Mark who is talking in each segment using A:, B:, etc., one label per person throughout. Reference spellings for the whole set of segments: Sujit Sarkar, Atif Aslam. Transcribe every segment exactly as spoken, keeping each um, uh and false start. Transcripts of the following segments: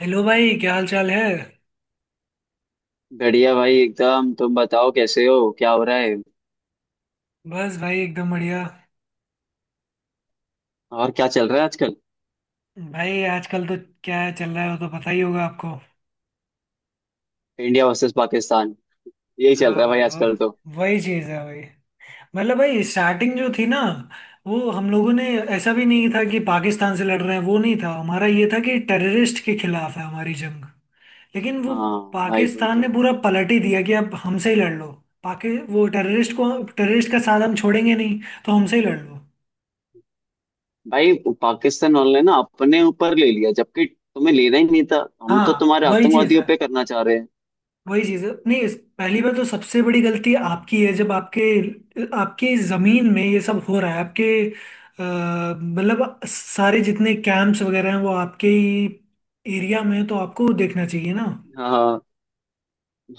A: Hello भाई, क्या हाल चाल है?
B: बढ़िया भाई एकदम। तुम बताओ कैसे हो, क्या हो रहा है?
A: बस भाई एकदम बढ़िया।
B: और क्या चल रहा है आजकल?
A: भाई आजकल तो क्या चल रहा है वो तो पता ही होगा आपको।
B: इंडिया वर्सेस पाकिस्तान, यही चल रहा
A: हाँ
B: है भाई
A: भाई वो
B: आजकल तो।
A: वही चीज़ है भाई। मतलब भाई स्टार्टिंग जो थी ना वो हम लोगों ने, ऐसा भी नहीं था कि पाकिस्तान से लड़ रहे हैं, वो नहीं था हमारा, ये था कि टेररिस्ट के खिलाफ है हमारी जंग। लेकिन वो
B: हाँ भाई, वही
A: पाकिस्तान ने
B: तो।
A: पूरा पलट ही दिया कि अब हमसे ही लड़ लो। पाकि वो टेररिस्ट को, टेररिस्ट का साथ हम छोड़ेंगे नहीं, तो हमसे ही लड़ लो।
B: भाई पाकिस्तान वाले ना अपने ऊपर ले लिया, जबकि तुम्हें लेना ही नहीं था। हम तो
A: हाँ
B: तुम्हारे
A: वही चीज़
B: आतंकवादियों
A: है।
B: पे करना चाह रहे हैं।
A: वही चीज है, नहीं इस- पहली बार तो सबसे बड़ी गलती आपकी है। जब आपके आपके जमीन में ये सब हो रहा है, आपके, अ, मतलब सारे जितने कैंप्स वगैरह हैं वो आपके ही एरिया में है, तो आपको देखना चाहिए ना।
B: हाँ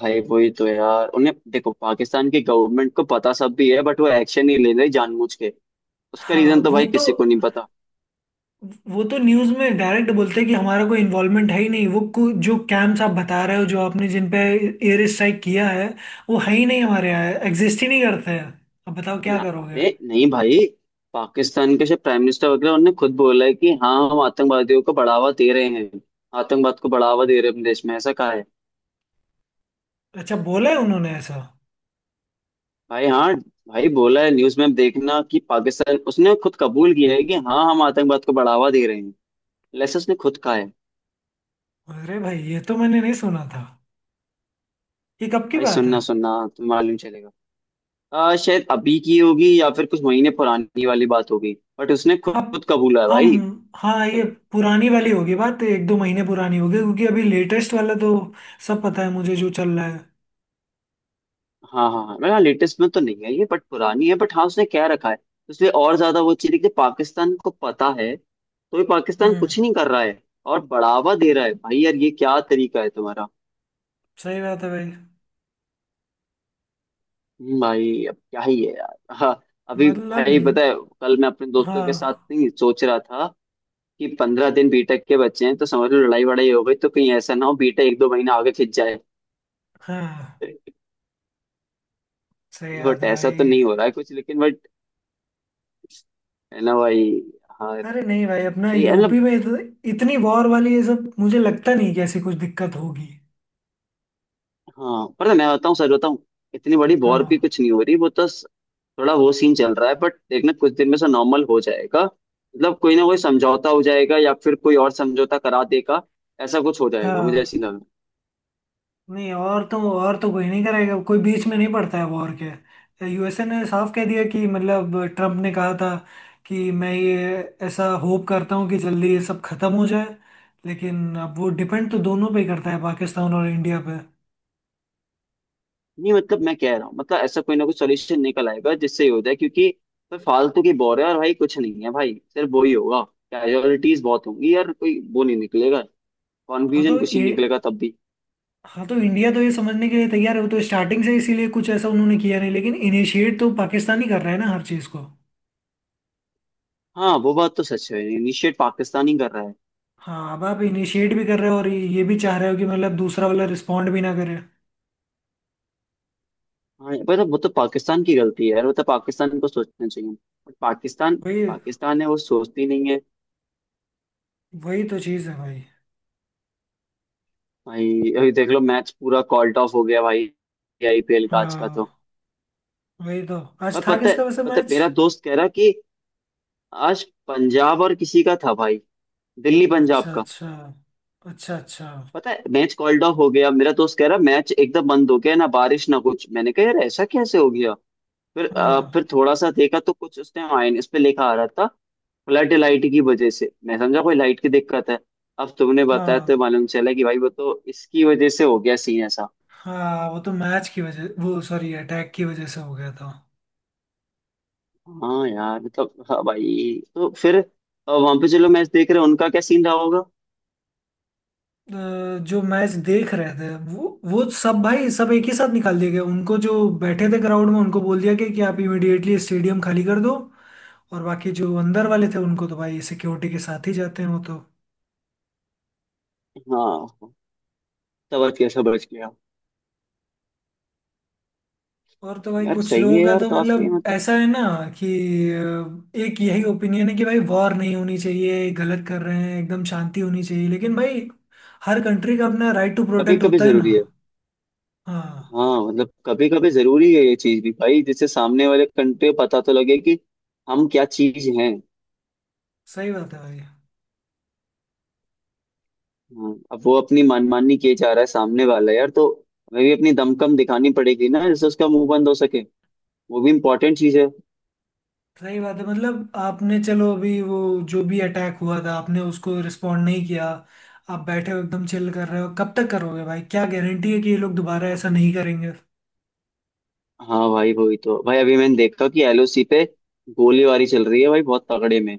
B: भाई, वही तो यार। उन्हें देखो, पाकिस्तान की गवर्नमेंट को पता सब भी है, बट वो एक्शन नहीं ले रही जानबूझ के। उसका
A: हाँ
B: रीजन तो
A: वो
B: भाई
A: तो
B: किसी को नहीं पता।
A: वो तो न्यूज़ में डायरेक्ट बोलते हैं कि हमारा कोई इन्वॉल्वमेंट है ही नहीं। वो को, जो कैंप्स आप बता रहे हो, जो आपने जिन पे एयर स्ट्राइक किया है, वो है ही नहीं हमारे यहाँ, एग्जिस्ट ही नहीं करते हैं। अब बताओ क्या
B: ना,
A: करोगे।
B: अरे नहीं भाई। पाकिस्तान के प्राइम मिनिस्टर वगैरह उन्होंने खुद बोला है कि हाँ हम आतंकवादियों को बढ़ावा दे रहे हैं, आतंकवाद को बढ़ावा दे रहे हैं अपने देश में, ऐसा कहा है।
A: अच्छा, बोला है उन्होंने ऐसा?
B: भाई हाँ, भाई बोला है न्यूज में। आप देखना कि पाकिस्तान उसने खुद कबूल किया है कि हाँ हम आतंकवाद को बढ़ावा दे रहे हैं, लेकिन उसने खुद कहा है।
A: अरे भाई ये तो मैंने नहीं सुना था। ये कब की
B: भाई
A: बात है?
B: सुनना सुनना, तुम्हें मालूम चलेगा। आ, शायद अभी की होगी या फिर कुछ महीने पुरानी वाली बात होगी। बट उसने खुद
A: अब
B: खुद कबूला है
A: हम
B: भाई।
A: हाँ, ये पुरानी वाली होगी बात, एक दो महीने पुरानी होगी, क्योंकि अभी लेटेस्ट वाला तो सब पता है मुझे जो चल रहा है।
B: हाँ हाँ हाँ, मेरा लेटेस्ट में तो नहीं है ये, बट पुरानी है। बट हाँ उसने क्या रखा है, इसलिए और ज्यादा वो चीज है कि पाकिस्तान को पता है तो भी पाकिस्तान
A: हम्म।
B: कुछ नहीं कर रहा है, और बढ़ावा दे रहा है। भाई यार, ये क्या तरीका है तुम्हारा?
A: सही बात है भाई।
B: हम्म, भाई अब क्या ही है यार। हाँ, अभी
A: मतलब,
B: भाई पता है, कल मैं अपने दोस्तों के साथ
A: हाँ
B: नहीं सोच रहा था कि पंद्रह दिन बीटेक के बच्चे हैं, तो समझ लो लड़ाई वड़ाई हो गई तो कहीं ऐसा ना हो बीटेक एक दो महीना आगे खिंच जाए।
A: हाँ सही बात
B: बट
A: है
B: ऐसा तो
A: भाई।
B: नहीं हो रहा है कुछ, लेकिन बट है ना भाई। हाँ
A: अरे नहीं भाई, अपना
B: तो ये-
A: यूपी
B: मतलब,
A: में इत, इतनी वॉर वाली ये सब मुझे लगता नहीं कि ऐसी कुछ दिक्कत होगी।
B: हाँ पर मैं बताऊँ, सच बताऊँ, इतनी बड़ी वॉर भी
A: हाँ
B: कुछ नहीं हो रही। वो तो स- थोड़ा वो सीन चल रहा है, बट देखना कुछ दिन में से नॉर्मल हो जाएगा। मतलब कोई ना कोई समझौता हो जाएगा, या फिर कोई और समझौता करा देगा। ऐसा कुछ हो जाएगा, मुझे
A: हाँ,
B: ऐसी लग रहा है।
A: नहीं और तो और तो कोई नहीं करेगा, कोई बीच में नहीं पड़ता है वॉर के। यूएसए ने साफ कह दिया कि, मतलब ट्रम्प ने कहा था कि मैं ये, ऐसा होप करता हूँ कि जल्दी ये सब खत्म हो जाए। लेकिन अब वो डिपेंड तो दोनों पे ही करता है, पाकिस्तान और इंडिया पे।
B: नहीं मतलब मैं कह रहा हूँ, मतलब ऐसा कोई ना कोई सोल्यूशन निकल आएगा जिससे ये हो जाए। क्योंकि तो फालतू की वॉर है और भाई कुछ नहीं है भाई, सिर्फ वो ही होगा। कैजुअलिटीज बहुत होंगी यार, कोई वो नहीं निकलेगा,
A: हाँ
B: कॉन्फ्यूजन
A: तो
B: कुछ
A: ये
B: नहीं निकलेगा तब भी।
A: हाँ तो इंडिया तो ये समझने के लिए तैयार है, वो तो स्टार्टिंग से इसीलिए कुछ ऐसा उन्होंने किया नहीं, लेकिन इनिशिएट तो पाकिस्तान ही कर रहा है ना हर चीज़ को।
B: हाँ वो बात तो सच है, इनिशिएट पाकिस्तान ही कर रहा है।
A: हाँ, अब आप इनिशिएट भी कर रहे हो और ये भी चाह रहे हो कि मतलब दूसरा वाला रिस्पॉन्ड भी ना करे।
B: हाँ पर वो तो पाकिस्तान की गलती है यार, वो तो पाकिस्तान को सोचना चाहिए। बट पाकिस्तान,
A: वही
B: पाकिस्तान है, वो सोचती नहीं है।
A: वही तो चीज़ है भाई।
B: भाई अभी देख लो मैच पूरा कॉल्ड ऑफ हो गया भाई, आईपीएल का आज का तो।
A: हाँ वही तो। आज
B: पर
A: था
B: पता है,
A: किसका वैसे
B: पता है
A: मैच?
B: मेरा दोस्त कह रहा कि आज पंजाब और किसी का था भाई, दिल्ली पंजाब
A: अच्छा
B: का।
A: अच्छा। अच्छा अच्छा।
B: पता है मैच कॉल्ड ऑफ हो गया, मेरा दोस्त कह रहा मैच एकदम बंद हो गया ना, बारिश ना कुछ। मैंने कहा यार ऐसा कैसे हो गया? फिर अ,
A: हाँ
B: फिर थोड़ा सा देखा तो कुछ उसने माइनस पे लिखा आ रहा था, फ्लड लाइट की वजह से। मैं समझा कोई लाइट की दिक्कत है। अब तुमने बताया तो
A: हाँ
B: मालूम चला कि भाई वो तो इसकी वजह से हो गया सीन ऐसा।
A: हाँ, वो तो मैच की वजह, वो सॉरी, अटैक की वजह से हो गया था।
B: हाँ यार मतलब, हाँ भाई, तो फिर वहां पे चलो मैच देख रहे हैं, उनका क्या सीन रहा होगा?
A: अ, जो मैच देख रहे थे वो वो सब, भाई सब एक ही साथ निकाल दिए गए उनको, जो बैठे थे क्राउड में उनको बोल दिया गया कि आप इमिडिएटली स्टेडियम खाली कर दो। और बाकी जो अंदर वाले थे उनको तो भाई सिक्योरिटी के साथ ही जाते हैं वो तो।
B: हाँ, तब कैसा बच गया?
A: और तो भाई
B: यार
A: कुछ
B: सही
A: लोगों
B: है
A: का
B: यार,
A: तो
B: काफी
A: मतलब
B: मतलब
A: ऐसा है ना कि अ, एक यही ओपिनियन है कि भाई वॉर नहीं होनी चाहिए, गलत कर रहे हैं, एकदम शांति होनी चाहिए, लेकिन भाई हर कंट्री का अपना राइट टू
B: कभी
A: प्रोटेक्ट
B: कभी
A: होता है ना।
B: जरूरी है।
A: हाँ
B: हाँ मतलब कभी कभी जरूरी है ये चीज भी भाई, जिससे सामने वाले कंट्री को पता तो लगे कि हम क्या चीज हैं।
A: सही बात है भाई।
B: हाँ, अब वो अपनी मनमानी किए जा रहा है सामने वाला यार, तो हमें भी अपनी दमकम दिखानी पड़ेगी ना, जिससे उसका मुंह बंद हो सके। वो भी इम्पोर्टेंट चीज है।
A: सही बात है। मतलब आपने, चलो अभी वो जो भी अटैक हुआ था आपने उसको रिस्पोंड नहीं किया, आप बैठे हो एकदम चिल कर रहे हो, कब तक करोगे भाई? क्या गारंटी है कि ये लोग दोबारा ऐसा नहीं करेंगे?
B: हाँ भाई वही तो, भाई अभी मैंने देखा कि एलओसी पे गोलीबारी चल रही है भाई बहुत तगड़े में।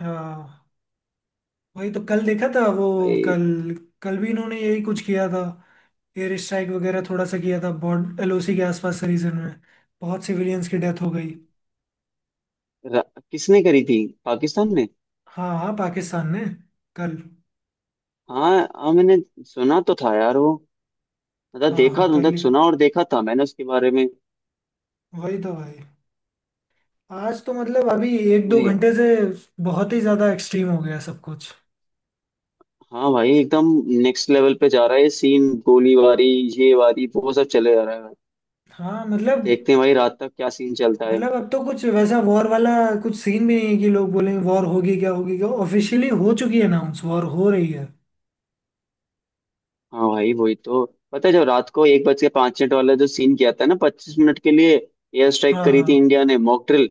A: हाँ वही तो, कल देखा था वो।
B: भाई
A: कल कल भी इन्होंने यही कुछ किया था, एयर स्ट्राइक वगैरह थोड़ा सा किया था बॉर्ड एलओसी के आसपास के रीजन में, बहुत सिविलियंस की डेथ हो गई।
B: र- किसने करी थी? पाकिस्तान ने?
A: हाँ हाँ पाकिस्तान ने, कल।
B: हाँ हाँ, मैंने सुना तो था यार वो, मतलब
A: हाँ
B: देखा,
A: हाँ, कल
B: मतलब
A: ही
B: सुना और देखा था मैंने उसके बारे में।
A: वही तो भाई। आज तो मतलब, अभी एक दो
B: अरे यार,
A: घंटे से बहुत ही ज्यादा एक्सट्रीम हो गया सब कुछ।
B: हाँ भाई एकदम नेक्स्ट लेवल पे जा रहा है सीन। गोलीबारी ये वारी वो सब चले जा रहा है।
A: हाँ मतलब
B: देखते हैं भाई रात तक क्या सीन चलता है।
A: मतलब अब तो कुछ वैसा वॉर वाला कुछ सीन भी नहीं है कि लोग बोलेंगे वॉर होगी क्या होगी क्या, ऑफिशियली हो चुकी है, अनाउंस, वॉर हो रही है।
B: हाँ भाई वही तो। पता है जब रात को एक बज के पाँच मिनट वाला जो सीन किया था ना, पच्चीस मिनट के लिए एयर स्ट्राइक
A: हाँ
B: करी थी
A: हाँ
B: इंडिया ने, मॉक ड्रिल।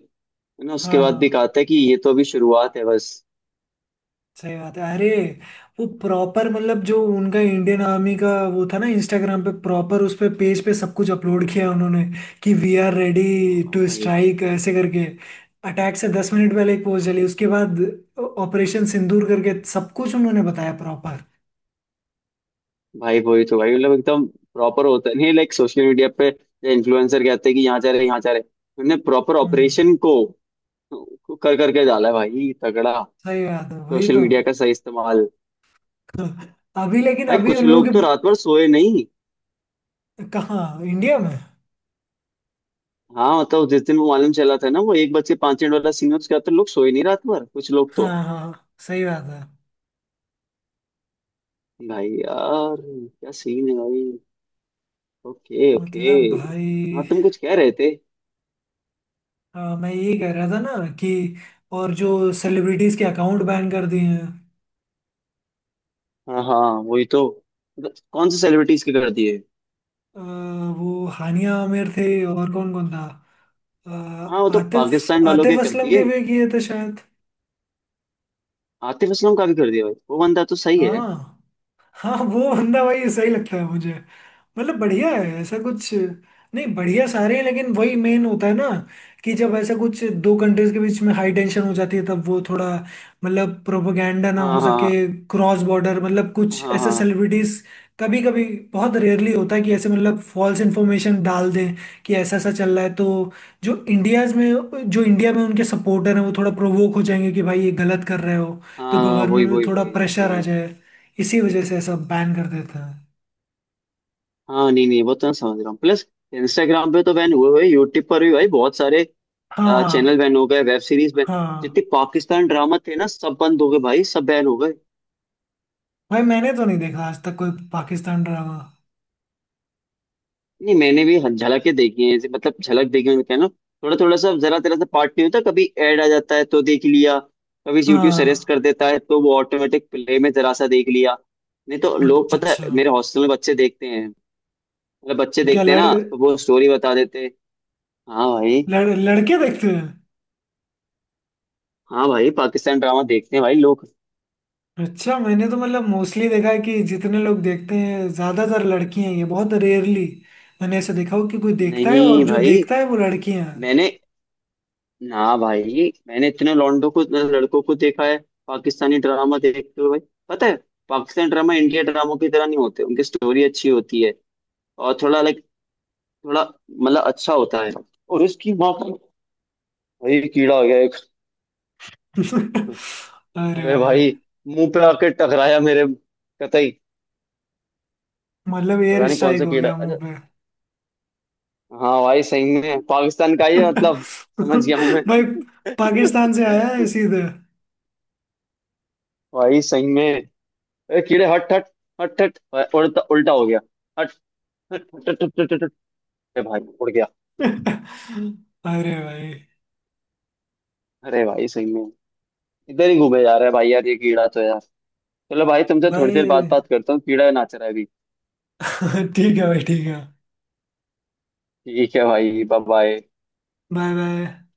B: है ना? उसके
A: हाँ।
B: बाद भी
A: हाँ
B: कहा था कि ये तो अभी शुरुआत है बस।
A: सही बात है। अरे वो प्रॉपर, मतलब जो उनका इंडियन आर्मी का वो था ना, इंस्टाग्राम पे प्रॉपर उस पे, पेज पे सब कुछ अपलोड किया उन्होंने कि वी आर रेडी टू
B: भाई
A: स्ट्राइक ऐसे करके। अटैक से दस मिनट पहले एक पोस्ट चली, उसके बाद ऑपरेशन सिंदूर करके सब कुछ उन्होंने बताया प्रॉपर।
B: भाई वही तो भाई, मतलब एकदम प्रॉपर होता है। नहीं लाइक, सोशल मीडिया पे इन्फ्लुएंसर कहते हैं कि यहाँ जा रहे यहाँ जा रहे। उन्होंने प्रॉपर ऑपरेशन
A: हम्म।
B: को को कर करके डाला है भाई तगड़ा।
A: सही बात है, वही
B: सोशल
A: तो।
B: मीडिया का सही इस्तेमाल।
A: अभी लेकिन
B: भाई
A: अभी
B: कुछ
A: उन लोग,
B: लोग तो रात भर सोए नहीं।
A: कहाँ इंडिया में?
B: हाँ मतलब जिस दिन वो मालूम चला था ना, वो एक बज के पांच मिनट वाला सीन, उसके बाद तो लोग सोए नहीं रात भर, कुछ लोग तो।
A: हाँ हाँ सही बात है।
B: भाई यार क्या सीन है भाई। Okay okay.
A: मतलब भाई,
B: हाँ तुम कुछ कह रहे थे?
A: हाँ मैं यही कह रहा था ना कि, और जो सेलिब्रिटीज के अकाउंट बैन कर दिए हैं।
B: हाँ हाँ वही तो, मतलब कौन से सेलिब्रिटीज के कर दिए?
A: अ, वो हानिया आमिर थे और कौन कौन था, अ,
B: हाँ वो तो
A: आतिफ
B: पाकिस्तान वालों के
A: आतिफ
B: कर
A: असलम के
B: दिए।
A: भी किए थे शायद।
B: आतिफ असलम का भी कर दिया भाई, वो बंदा तो सही है।
A: हाँ हाँ वो बंदा भाई सही लगता है मुझे। मतलब बढ़िया है, ऐसा कुछ। नहीं, बढ़िया सारे हैं, लेकिन वही मेन होता है ना कि जब ऐसा कुछ दो कंट्रीज के बीच में हाई टेंशन हो जाती है, तब वो थोड़ा, मतलब, प्रोपोगंडा ना
B: हाँ
A: हो सके
B: हाँ
A: क्रॉस बॉर्डर, मतलब कुछ
B: हाँ
A: ऐसे
B: हाँ
A: सेलिब्रिटीज कभी कभी, बहुत रेयरली होता है कि ऐसे मतलब फॉल्स इन्फॉर्मेशन डाल दें कि ऐसा ऐसा चल रहा है, तो जो इंडियाज में जो इंडिया में उनके सपोर्टर हैं वो थोड़ा प्रोवोक हो जाएंगे कि भाई ये गलत कर रहे हो। तो
B: हाँ, वही
A: गवर्नमेंट में
B: वही
A: थोड़ा
B: वही
A: प्रेशर आ
B: वही।
A: जाए, इसी वजह से सब बैन कर देते हैं।
B: हाँ नहीं नहीं, वो तो मैं समझ रहा हूँ। प्लस इंस्टाग्राम पे तो बैन हुए हुए, यूट्यूब पर भी भाई बहुत सारे अ, चैनल
A: हाँ
B: बैन हो गए, वेब सीरीज बैन।
A: हाँ हाँ।
B: जितने पाकिस्तान ड्रामा थे ना, सब बंद हो गए भाई, सब बैन हो गए।
A: भाई मैंने तो नहीं देखा आज तक कोई पाकिस्तान ड्रामा।
B: नहीं मैंने भी हं- झलकें देखी हैं ऐसे, मतलब झलक देखी है कहना। थोड़ा थोड़ा सा जरा तेरा सा पार्ट, नहीं होता, कभी ऐड आ जाता है तो देख लिया। कभी यूट्यूब सजेस्ट
A: हाँ
B: कर देता है तो वो ऑटोमेटिक प्ले में जरा सा देख लिया। नहीं तो लोग,
A: अच्छा
B: पता है
A: अच्छा।
B: मेरे हॉस्टल में बच्चे देखते हैं। मतलब बच्चे
A: क्या
B: देखते हैं
A: लड़,
B: ना, तो वो स्टोरी बता देते हैं। हाँ भाई।
A: लड़ लड़के देखते हैं?
B: हाँ भाई पाकिस्तान ड्रामा देखते हैं भाई लोग।
A: अच्छा, मैंने तो मतलब मोस्टली देखा है कि जितने लोग देखते हैं ज्यादातर लड़की हैं, ये बहुत रेयरली मैंने ऐसा देखा हो कि कोई देखता है, और
B: नहीं
A: जो
B: भाई
A: देखता है वो लड़कियां हैं।
B: मैंने, हाँ भाई मैंने इतने लौंडों को, लड़कों को देखा है पाकिस्तानी ड्रामा देखते हुए। पता है पाकिस्तान ड्रामा इंडिया ड्रामों की तरह नहीं होते, उनकी स्टोरी अच्छी होती है। और थोड़ा लाइक, थोड़ा मतलब अच्छा होता है। और इसकी माँ का, भाई कीड़ा हो गया एक।
A: अरे
B: अरे
A: भाई।
B: भाई, मुंह पे आके टकराया मेरे, कतई।
A: मतलब एयर
B: पता नहीं कौन
A: स्ट्राइक
B: सा
A: हो
B: कीड़ा है।
A: गया
B: अच्छा
A: मुंह पे।
B: हाँ भाई सही में पाकिस्तान का ही है, मतलब समझ गया हूँ मैं।
A: भाई पाकिस्तान से आया है सीधे।
B: भाई सही में, अरे कीड़े हट हट, हट हट, उल्टा उल्टा हो गया, हट। अरे भाई उड़ गया।
A: अरे भाई,
B: अरे भाई सही में, इधर ही घूमे जा रहा है भाई यार ये कीड़ा तो यार। चलो भाई, तुमसे थोड़ी देर बाद
A: भाई।
B: बात करता हूँ, कीड़ा नाच रहा है अभी।
A: ठीक है भाई, ठीक है।
B: ठीक है भाई, बाय बाय।
A: Bye bye.